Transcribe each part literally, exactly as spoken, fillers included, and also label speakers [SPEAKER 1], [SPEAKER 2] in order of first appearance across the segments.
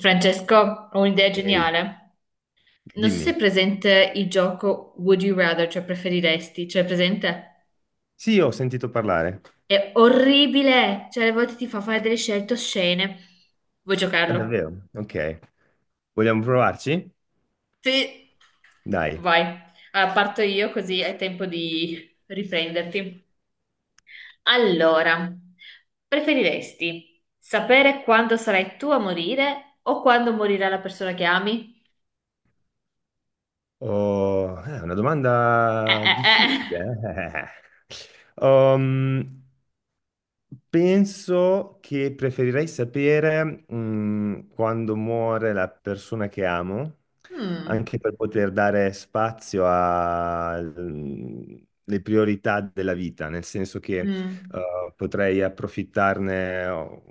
[SPEAKER 1] Francesco, ho un'idea
[SPEAKER 2] Ehi,
[SPEAKER 1] geniale. Non so se è
[SPEAKER 2] dimmi.
[SPEAKER 1] presente il gioco Would You Rather, cioè preferiresti, cioè è presente?
[SPEAKER 2] Sì, ho sentito parlare.
[SPEAKER 1] È orribile, cioè alle volte ti fa fare delle scelte oscene. Vuoi
[SPEAKER 2] Ah,
[SPEAKER 1] giocarlo?
[SPEAKER 2] davvero? Ok. Vogliamo provarci?
[SPEAKER 1] Sì,
[SPEAKER 2] Dai.
[SPEAKER 1] vai. Allora, parto io così hai tempo di riprenderti. Allora, preferiresti sapere quando sarai tu a morire o quando morirà la persona che ami?
[SPEAKER 2] Oh, è una domanda
[SPEAKER 1] Eh,
[SPEAKER 2] difficile.
[SPEAKER 1] eh,
[SPEAKER 2] Eh. Um, Penso che preferirei sapere, mh, quando muore la persona che amo,
[SPEAKER 1] eh. Mm.
[SPEAKER 2] anche per poter dare spazio alle priorità della vita, nel senso che,
[SPEAKER 1] Mm.
[SPEAKER 2] eh, potrei approfittarne o-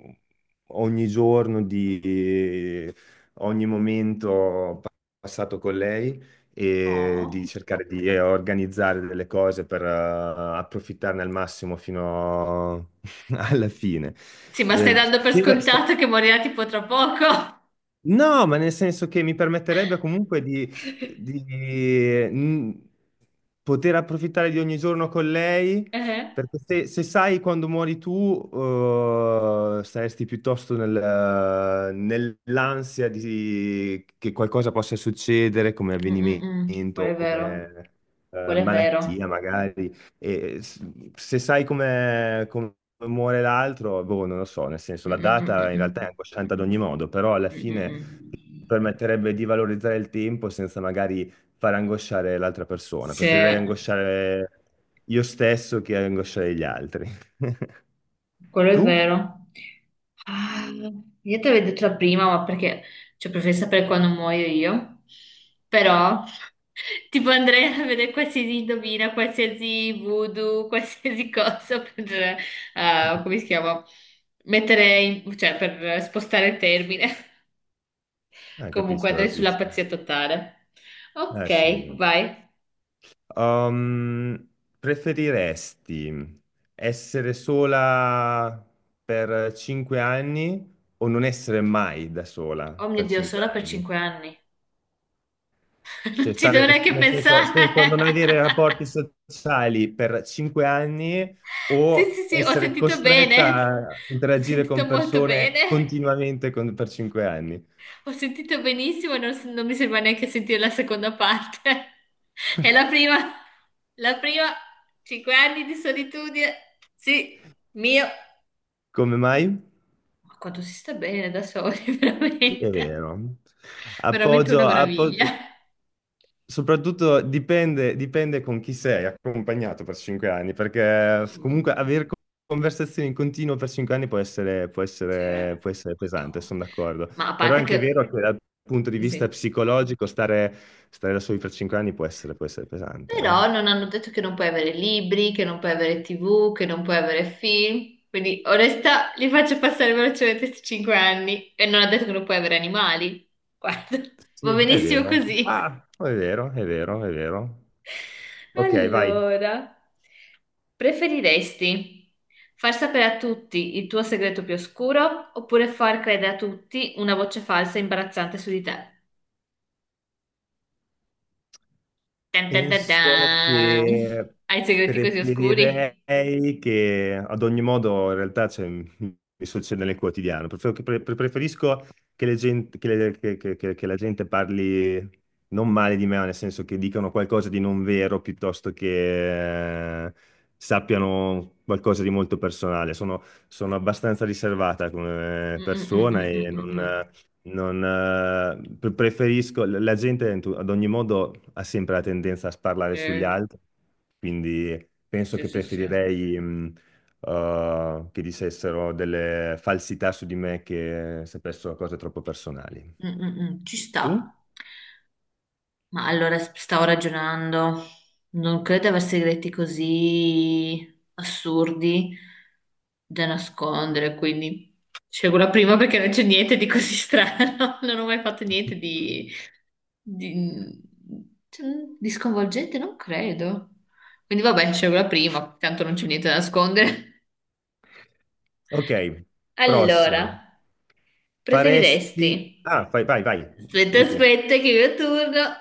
[SPEAKER 2] ogni giorno di ogni momento passato con lei e di
[SPEAKER 1] Oh.
[SPEAKER 2] cercare di eh, organizzare delle cose per eh, approfittarne al massimo fino alla fine.
[SPEAKER 1] Sì, ma stai
[SPEAKER 2] Eh,
[SPEAKER 1] dando per
[SPEAKER 2] sapere-
[SPEAKER 1] scontato che morirà tipo tra poco.
[SPEAKER 2] No, ma nel senso che mi permetterebbe comunque di, di, mh, poter approfittare di ogni giorno con lei,
[SPEAKER 1] Eh?
[SPEAKER 2] perché se, se sai quando muori tu, eh, saresti piuttosto nel- nell'ansia di, che qualcosa possa succedere come
[SPEAKER 1] Mm, mm, mm. Quello
[SPEAKER 2] avvenimento,
[SPEAKER 1] è vero.
[SPEAKER 2] come, eh,
[SPEAKER 1] Quello è
[SPEAKER 2] malattia
[SPEAKER 1] vero.
[SPEAKER 2] magari. E s- se sai come, come muore l'altro, boh, non lo so, nel senso
[SPEAKER 1] Mm,
[SPEAKER 2] la
[SPEAKER 1] mm, mm, mm,
[SPEAKER 2] data in
[SPEAKER 1] mm.
[SPEAKER 2] realtà è angosciante ad ogni modo, però alla
[SPEAKER 1] Mm, mm,
[SPEAKER 2] fine
[SPEAKER 1] mm.
[SPEAKER 2] permetterebbe di valorizzare il tempo senza magari far angosciare l'altra persona.
[SPEAKER 1] Sì,
[SPEAKER 2] Preferirei angosciare io stesso che angosciare gli altri.
[SPEAKER 1] quello è
[SPEAKER 2] Tu?
[SPEAKER 1] vero. Ah, io te l'avevo detto la prima, ma perché cioè, preferisco sapere quando muoio io. Però, tipo, andrei a vedere qualsiasi indovina, qualsiasi voodoo, qualsiasi cosa per, eh, come si chiama? Mettere, in- cioè, per spostare il termine.
[SPEAKER 2] Ah,
[SPEAKER 1] Comunque
[SPEAKER 2] capisco,
[SPEAKER 1] andrei sulla
[SPEAKER 2] capisco.
[SPEAKER 1] pazzia totale.
[SPEAKER 2] Eh sì, è
[SPEAKER 1] Ok,
[SPEAKER 2] vero.
[SPEAKER 1] vai.
[SPEAKER 2] Um, preferiresti essere sola per cinque anni o non essere mai da sola
[SPEAKER 1] Oh mio
[SPEAKER 2] per
[SPEAKER 1] Dio,
[SPEAKER 2] cinque
[SPEAKER 1] solo per
[SPEAKER 2] anni?
[SPEAKER 1] cinque anni. Non
[SPEAKER 2] Cioè,
[SPEAKER 1] ci dovrei
[SPEAKER 2] stare
[SPEAKER 1] neanche
[SPEAKER 2] nel senso, senza
[SPEAKER 1] pensare.
[SPEAKER 2] non avere rapporti sociali per cinque anni
[SPEAKER 1] sì,
[SPEAKER 2] o
[SPEAKER 1] sì. Sì. Ho
[SPEAKER 2] essere
[SPEAKER 1] sentito
[SPEAKER 2] costretta
[SPEAKER 1] bene.
[SPEAKER 2] a
[SPEAKER 1] Ho
[SPEAKER 2] interagire
[SPEAKER 1] sentito
[SPEAKER 2] con
[SPEAKER 1] molto
[SPEAKER 2] persone
[SPEAKER 1] bene.
[SPEAKER 2] continuamente con- per cinque anni.
[SPEAKER 1] Ho sentito benissimo, non, non mi sembra neanche sentire la seconda parte. E la prima, la prima, cinque anni di solitudine. Sì, mio.
[SPEAKER 2] Come mai?
[SPEAKER 1] Ma quanto si sta bene da soli,
[SPEAKER 2] Sì, è
[SPEAKER 1] veramente.
[SPEAKER 2] vero.
[SPEAKER 1] Veramente
[SPEAKER 2] Appoggio,
[SPEAKER 1] una
[SPEAKER 2] appoggio.
[SPEAKER 1] meraviglia.
[SPEAKER 2] Soprattutto dipende, dipende con chi sei accompagnato per cinque anni, perché comunque avere co- conversazioni in continuo per cinque anni può essere, può
[SPEAKER 1] Sì,
[SPEAKER 2] essere, può essere pesante,
[SPEAKER 1] Madonna.
[SPEAKER 2] sono d'accordo.
[SPEAKER 1] Ma a
[SPEAKER 2] Però è
[SPEAKER 1] parte
[SPEAKER 2] anche
[SPEAKER 1] che,
[SPEAKER 2] vero che dal punto di vista
[SPEAKER 1] sì.
[SPEAKER 2] psicologico stare, stare da soli per cinque anni può essere, può essere pesante. Eh.
[SPEAKER 1] Però non hanno detto che non puoi avere libri, che non puoi avere T V, che non puoi avere film. Quindi, onesta, li faccio passare velocemente questi cinque anni e non ha detto che non puoi avere animali. Guarda, va
[SPEAKER 2] Sì, è
[SPEAKER 1] benissimo
[SPEAKER 2] vero.
[SPEAKER 1] così.
[SPEAKER 2] Ah, è vero, è vero, è vero. Ok, vai.
[SPEAKER 1] Allora, preferiresti far sapere a tutti il tuo segreto più oscuro oppure far credere a tutti una voce falsa e imbarazzante su di te? Tan tan tan
[SPEAKER 2] Penso
[SPEAKER 1] tan.
[SPEAKER 2] che
[SPEAKER 1] Hai segreti così oscuri?
[SPEAKER 2] preferirei che ad ogni modo in realtà cioè, mi succede nel quotidiano. Prefer- che pre- preferisco che, le gen- che le- che- che- che- che la gente parli non male di me, ma nel senso che dicano qualcosa di non vero piuttosto che eh, sappiano qualcosa di molto personale. Sono, sono abbastanza riservata come
[SPEAKER 1] Mm, mm, mm,
[SPEAKER 2] persona
[SPEAKER 1] mm, mm,
[SPEAKER 2] e
[SPEAKER 1] mm,
[SPEAKER 2] non.
[SPEAKER 1] mm.
[SPEAKER 2] Non, eh, pre- preferisco, la gente in tu- ad ogni modo ha sempre la tendenza a sparlare sugli altri, quindi penso
[SPEAKER 1] Sì,
[SPEAKER 2] che
[SPEAKER 1] sì, sì. Sì. Mm,
[SPEAKER 2] preferirei mh, eh, che dicessero delle falsità su di me che sapessero cose troppo personali.
[SPEAKER 1] mm, mm. Ci sta.
[SPEAKER 2] Tu?
[SPEAKER 1] Ma allora s- stavo ragionando. Non credo di aver segreti così assurdi da nascondere, quindi scelgo la prima perché non c'è niente di così strano. Non ho mai fatto niente di Di, cioè, di sconvolgente non credo. Quindi vabbè, scelgo la prima, tanto non c'è niente da nascondere.
[SPEAKER 2] Ok, prossimo.
[SPEAKER 1] Allora,
[SPEAKER 2] Faresti.
[SPEAKER 1] preferiresti?
[SPEAKER 2] Ah, vai, vai, vai,
[SPEAKER 1] Aspetta,
[SPEAKER 2] vai tu.
[SPEAKER 1] aspetta, che è il mio turno.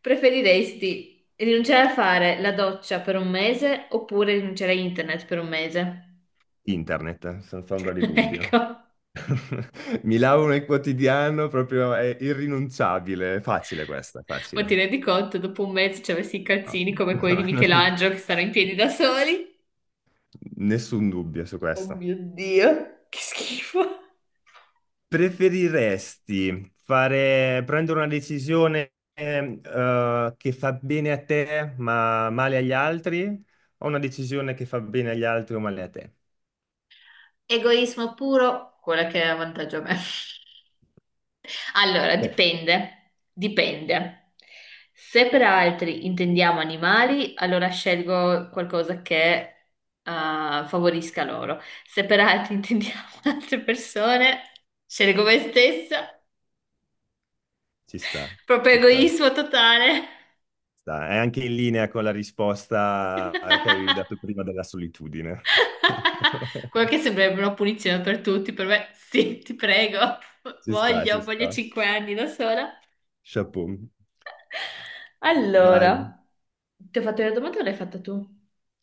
[SPEAKER 1] Preferiresti rinunciare a fare la doccia per un mese oppure rinunciare a internet per un mese?
[SPEAKER 2] Internet, eh, senza ombra di dubbio.
[SPEAKER 1] Ecco,
[SPEAKER 2] Mi lavo nel quotidiano, proprio è irrinunciabile. Facile questa,
[SPEAKER 1] ma ti
[SPEAKER 2] facile.
[SPEAKER 1] rendi conto, dopo un mese ci avessi i
[SPEAKER 2] No,
[SPEAKER 1] calzini come quelli di
[SPEAKER 2] no, non-
[SPEAKER 1] Michelangelo che stanno in piedi da soli?
[SPEAKER 2] nessun dubbio su
[SPEAKER 1] Oh
[SPEAKER 2] questo.
[SPEAKER 1] mio Dio, che schifo.
[SPEAKER 2] Preferiresti fare, prendere una decisione eh, eh, che fa bene a te ma male agli altri o una decisione che fa bene agli altri o male a te?
[SPEAKER 1] Egoismo puro, quella che è vantaggio a me. Allora,
[SPEAKER 2] Sì.
[SPEAKER 1] dipende, dipende. Se per altri intendiamo animali, allora scelgo qualcosa che eh, favorisca loro. Se per altri intendiamo altre persone, scelgo me stessa.
[SPEAKER 2] Ci sta,
[SPEAKER 1] Proprio
[SPEAKER 2] ci sta,
[SPEAKER 1] egoismo totale.
[SPEAKER 2] sta. È anche in linea con la risposta eh, che avevi dato prima della solitudine.
[SPEAKER 1] Quello che sembrerebbe una punizione per tutti, per me sì, ti prego,
[SPEAKER 2] Ci sta, ci
[SPEAKER 1] voglio, voglio
[SPEAKER 2] sta.
[SPEAKER 1] cinque anni da sola.
[SPEAKER 2] Chapeau. Vai.
[SPEAKER 1] Allora, ti ho fatto la domanda o l'hai fatta tu?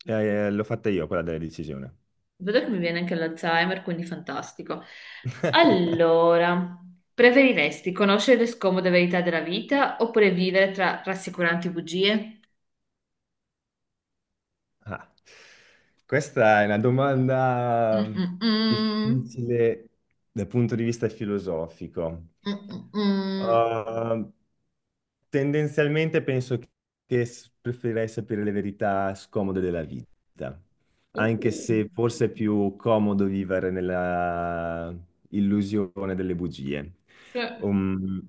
[SPEAKER 2] Eh, l'ho fatta io quella della decisione.
[SPEAKER 1] Vedo che mi viene anche l'Alzheimer, quindi fantastico. Allora, preferiresti conoscere le scomode verità della vita oppure vivere tra rassicuranti bugie?
[SPEAKER 2] Ah, questa è una domanda
[SPEAKER 1] Mm-mm-mm,
[SPEAKER 2] difficile dal punto di vista filosofico.
[SPEAKER 1] mm-mm-mm.
[SPEAKER 2] Uh, tendenzialmente penso che s- preferirei sapere le verità scomode della vita,
[SPEAKER 1] Uh,
[SPEAKER 2] anche se forse è più comodo vivere nella illusione delle bugie.
[SPEAKER 1] cioè,
[SPEAKER 2] Um,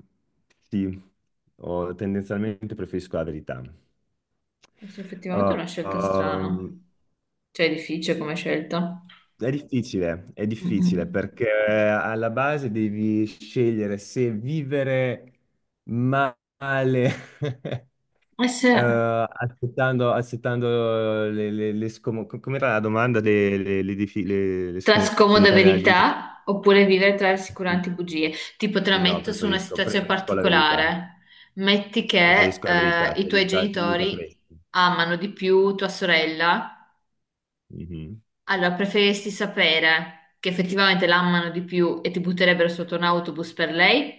[SPEAKER 2] sì, oh, tendenzialmente preferisco la verità.
[SPEAKER 1] adesso effettivamente è
[SPEAKER 2] Uh,
[SPEAKER 1] una scelta strana.
[SPEAKER 2] um,
[SPEAKER 1] Cioè, è difficile come scelta.
[SPEAKER 2] È difficile, è difficile
[SPEAKER 1] Mm-mm.
[SPEAKER 2] perché alla base devi scegliere se vivere male,
[SPEAKER 1] Essere
[SPEAKER 2] eh, accettando, accettando le, le, le scomo- co- Com'era la domanda? Le, le- le difi- le- le
[SPEAKER 1] tra scomode
[SPEAKER 2] scomodità della vita?
[SPEAKER 1] verità oppure vivere tra
[SPEAKER 2] Mm.
[SPEAKER 1] rassicuranti bugie. Tipo, te la
[SPEAKER 2] Sì, no,
[SPEAKER 1] metto su una
[SPEAKER 2] preferisco,
[SPEAKER 1] situazione
[SPEAKER 2] preferisco la verità.
[SPEAKER 1] particolare. Metti che
[SPEAKER 2] Preferisco la
[SPEAKER 1] eh,
[SPEAKER 2] verità,
[SPEAKER 1] i
[SPEAKER 2] ti
[SPEAKER 1] tuoi
[SPEAKER 2] aiuta, ti aiuta a
[SPEAKER 1] genitori
[SPEAKER 2] crescere.
[SPEAKER 1] amano di più tua sorella.
[SPEAKER 2] Mhm.
[SPEAKER 1] Allora, preferiresti sapere che effettivamente l'amano di più e ti butterebbero sotto un autobus per lei?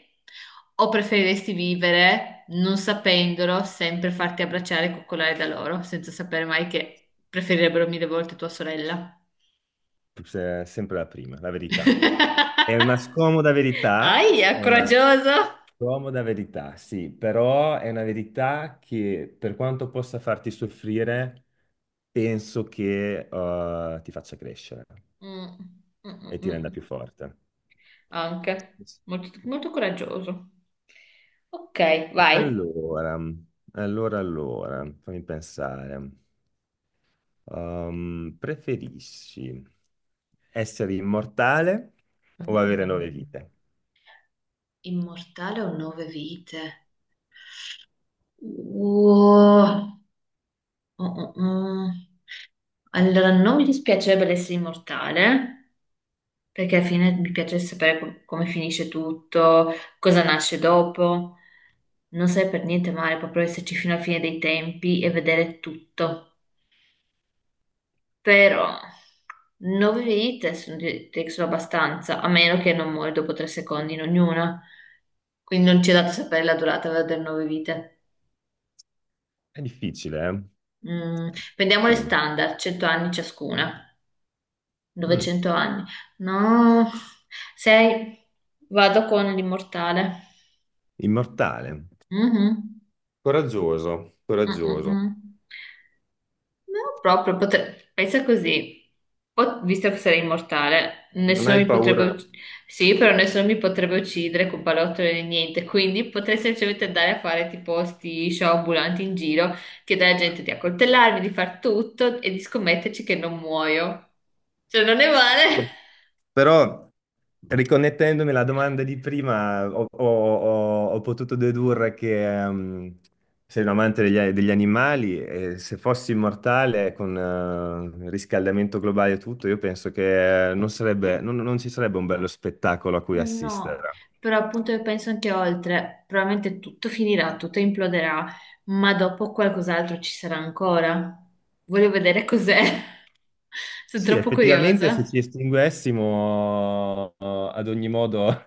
[SPEAKER 1] O preferiresti vivere non sapendolo, sempre farti abbracciare e coccolare da loro, senza sapere mai che preferirebbero mille volte tua sorella?
[SPEAKER 2] Se- Sempre la prima, la verità. È una scomoda verità, è
[SPEAKER 1] Aia,
[SPEAKER 2] una,
[SPEAKER 1] coraggioso!
[SPEAKER 2] comoda verità, sì, però è una verità che per quanto possa farti soffrire, penso che eh, ti faccia crescere
[SPEAKER 1] Mm, mm, mm,
[SPEAKER 2] e ti renda
[SPEAKER 1] mm.
[SPEAKER 2] più forte.
[SPEAKER 1] Anche, molto, molto coraggioso. Ok, vai.
[SPEAKER 2] Allora, allora, allora, fammi pensare. Ehm, preferisci essere immortale o avere nove
[SPEAKER 1] Mm.
[SPEAKER 2] vite?
[SPEAKER 1] Immortale o nove vite? Uh, uh, uh, uh. Allora, non mi dispiacerebbe essere immortale, perché alla fine mi piace sapere com- come finisce tutto, cosa nasce dopo. Non sarebbe per niente male proprio esserci fino alla fine dei tempi e vedere tutto. Però, nove vite sono, di- di- sono abbastanza, a meno che non muori dopo tre secondi in ognuna. Quindi non ci è dato sapere la durata delle nove vite.
[SPEAKER 2] È difficile, eh?
[SPEAKER 1] Mm,
[SPEAKER 2] È
[SPEAKER 1] prendiamo le
[SPEAKER 2] difficile.
[SPEAKER 1] standard, cento anni ciascuna.
[SPEAKER 2] Mm.
[SPEAKER 1] novecento anni. No, sei. Vado con l'immortale.
[SPEAKER 2] Immortale.
[SPEAKER 1] Mhm.
[SPEAKER 2] Coraggioso,
[SPEAKER 1] Mm, mm,
[SPEAKER 2] coraggioso.
[SPEAKER 1] mm. No, proprio, potre- pensa così. Po- visto che sarei immortale,
[SPEAKER 2] Non
[SPEAKER 1] nessuno
[SPEAKER 2] hai
[SPEAKER 1] mi potrebbe
[SPEAKER 2] paura.
[SPEAKER 1] ucc- Sì, però nessuno mi potrebbe uccidere con pallottole né niente, quindi potrei semplicemente andare a fare tipo sti show ambulanti in giro, chiedere alla gente di accoltellarmi, di far tutto e di scommetterci che non muoio. Cioè, non è male.
[SPEAKER 2] Però, riconnettendomi alla domanda di prima, ho, ho- ho- ho potuto dedurre che ehm, sei un amante degli, degli animali e se fossi immortale con eh, il riscaldamento globale e tutto, io penso che eh, non sarebbe, non non ci sarebbe un bello spettacolo a cui
[SPEAKER 1] Eh no,
[SPEAKER 2] assistere.
[SPEAKER 1] però appunto io penso anche oltre, probabilmente tutto finirà, tutto imploderà, ma dopo qualcos'altro ci sarà ancora. Voglio vedere cos'è. Sono
[SPEAKER 2] Sì,
[SPEAKER 1] troppo
[SPEAKER 2] effettivamente se ci
[SPEAKER 1] curiosa.
[SPEAKER 2] estinguessimo eh, ad ogni modo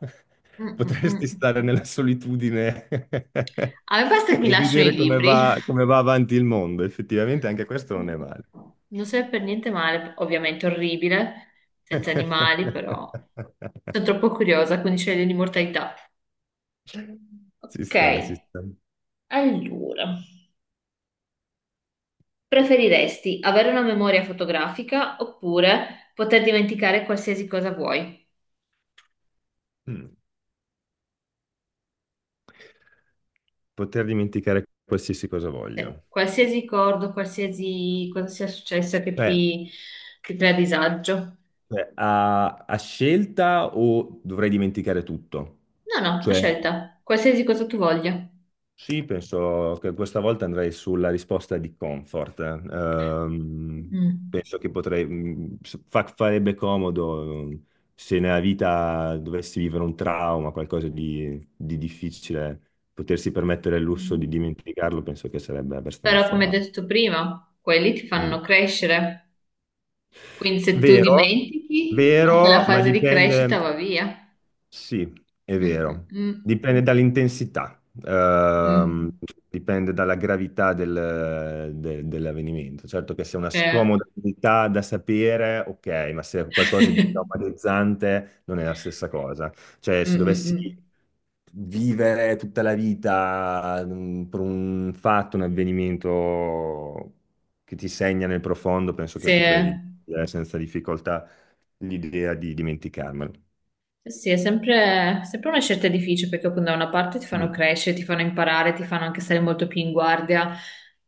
[SPEAKER 1] Mm, mm,
[SPEAKER 2] potresti
[SPEAKER 1] mm.
[SPEAKER 2] stare nella solitudine e
[SPEAKER 1] A me basta che mi lasciano i
[SPEAKER 2] vedere come
[SPEAKER 1] libri.
[SPEAKER 2] va, come va avanti il mondo. Effettivamente anche questo non
[SPEAKER 1] Mm.
[SPEAKER 2] è male.
[SPEAKER 1] Non serve per niente male, ovviamente orribile, senza animali, però sono troppo curiosa, quindi sceglio l'immortalità.
[SPEAKER 2] Si
[SPEAKER 1] Ok,
[SPEAKER 2] sta, si sta.
[SPEAKER 1] allora. Preferiresti avere una memoria fotografica oppure poter dimenticare qualsiasi cosa vuoi?
[SPEAKER 2] Mm. Poter dimenticare qualsiasi cosa
[SPEAKER 1] Cioè,
[SPEAKER 2] voglio.
[SPEAKER 1] qualsiasi ricordo, qualsiasi cosa sia successo che
[SPEAKER 2] Cioè,
[SPEAKER 1] ti, ti crea disagio.
[SPEAKER 2] cioè, a, a scelta o dovrei dimenticare tutto?
[SPEAKER 1] No, no, a
[SPEAKER 2] Cioè,
[SPEAKER 1] scelta, qualsiasi cosa tu voglia.
[SPEAKER 2] sì, penso che questa volta andrei sulla risposta di comfort. Ehm,
[SPEAKER 1] Mm.
[SPEAKER 2] penso che potrei, mh, fa- farebbe comodo eh, se nella vita dovessi vivere un trauma, qualcosa di, di difficile, potersi permettere il lusso di
[SPEAKER 1] Mm.
[SPEAKER 2] dimenticarlo, penso che sarebbe
[SPEAKER 1] Però, come
[SPEAKER 2] abbastanza.
[SPEAKER 1] detto prima, quelli ti
[SPEAKER 2] Mm.
[SPEAKER 1] fanno crescere. Quindi se tu
[SPEAKER 2] Vero,
[SPEAKER 1] dimentichi, anche la
[SPEAKER 2] vero, ma
[SPEAKER 1] fase di crescita
[SPEAKER 2] dipende.
[SPEAKER 1] va via.
[SPEAKER 2] Sì, è
[SPEAKER 1] Mm,
[SPEAKER 2] vero.
[SPEAKER 1] mm,
[SPEAKER 2] Dipende dall'intensità,
[SPEAKER 1] mm,
[SPEAKER 2] ehm,
[SPEAKER 1] mm.
[SPEAKER 2] dipende dalla gravità del- de- dell'avvenimento. Certo che se è una
[SPEAKER 1] Cioè,
[SPEAKER 2] scomodità da sapere, ok, ma se è qualcosa di traumatizzante non è la stessa cosa. Cioè,
[SPEAKER 1] mm,
[SPEAKER 2] se
[SPEAKER 1] mm,
[SPEAKER 2] dovessi
[SPEAKER 1] mm.
[SPEAKER 2] vivere tutta la vita mm, per un fatto, un avvenimento che ti segna nel profondo, penso che
[SPEAKER 1] Sì.
[SPEAKER 2] potrei, eh, senza difficoltà l'idea di dimenticarmelo.
[SPEAKER 1] Eh sì, è sempre, sempre una scelta difficile perché appunto da una parte ti fanno
[SPEAKER 2] Mm.
[SPEAKER 1] crescere, ti fanno imparare, ti fanno anche stare molto più in guardia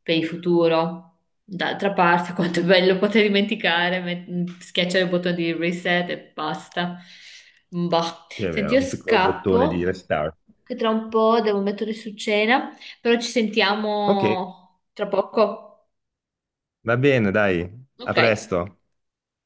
[SPEAKER 1] per il futuro. D'altra parte, quanto è bello poter dimenticare, met- schiacciare il bottone di reset e basta. Boh.
[SPEAKER 2] Sì, è
[SPEAKER 1] Senti,
[SPEAKER 2] vero,
[SPEAKER 1] io
[SPEAKER 2] un piccolo bottone di
[SPEAKER 1] scappo,
[SPEAKER 2] restart.
[SPEAKER 1] che tra un po' devo mettere su cena, però ci
[SPEAKER 2] Ok,
[SPEAKER 1] sentiamo tra poco.
[SPEAKER 2] va bene, dai, a
[SPEAKER 1] Ok.
[SPEAKER 2] presto.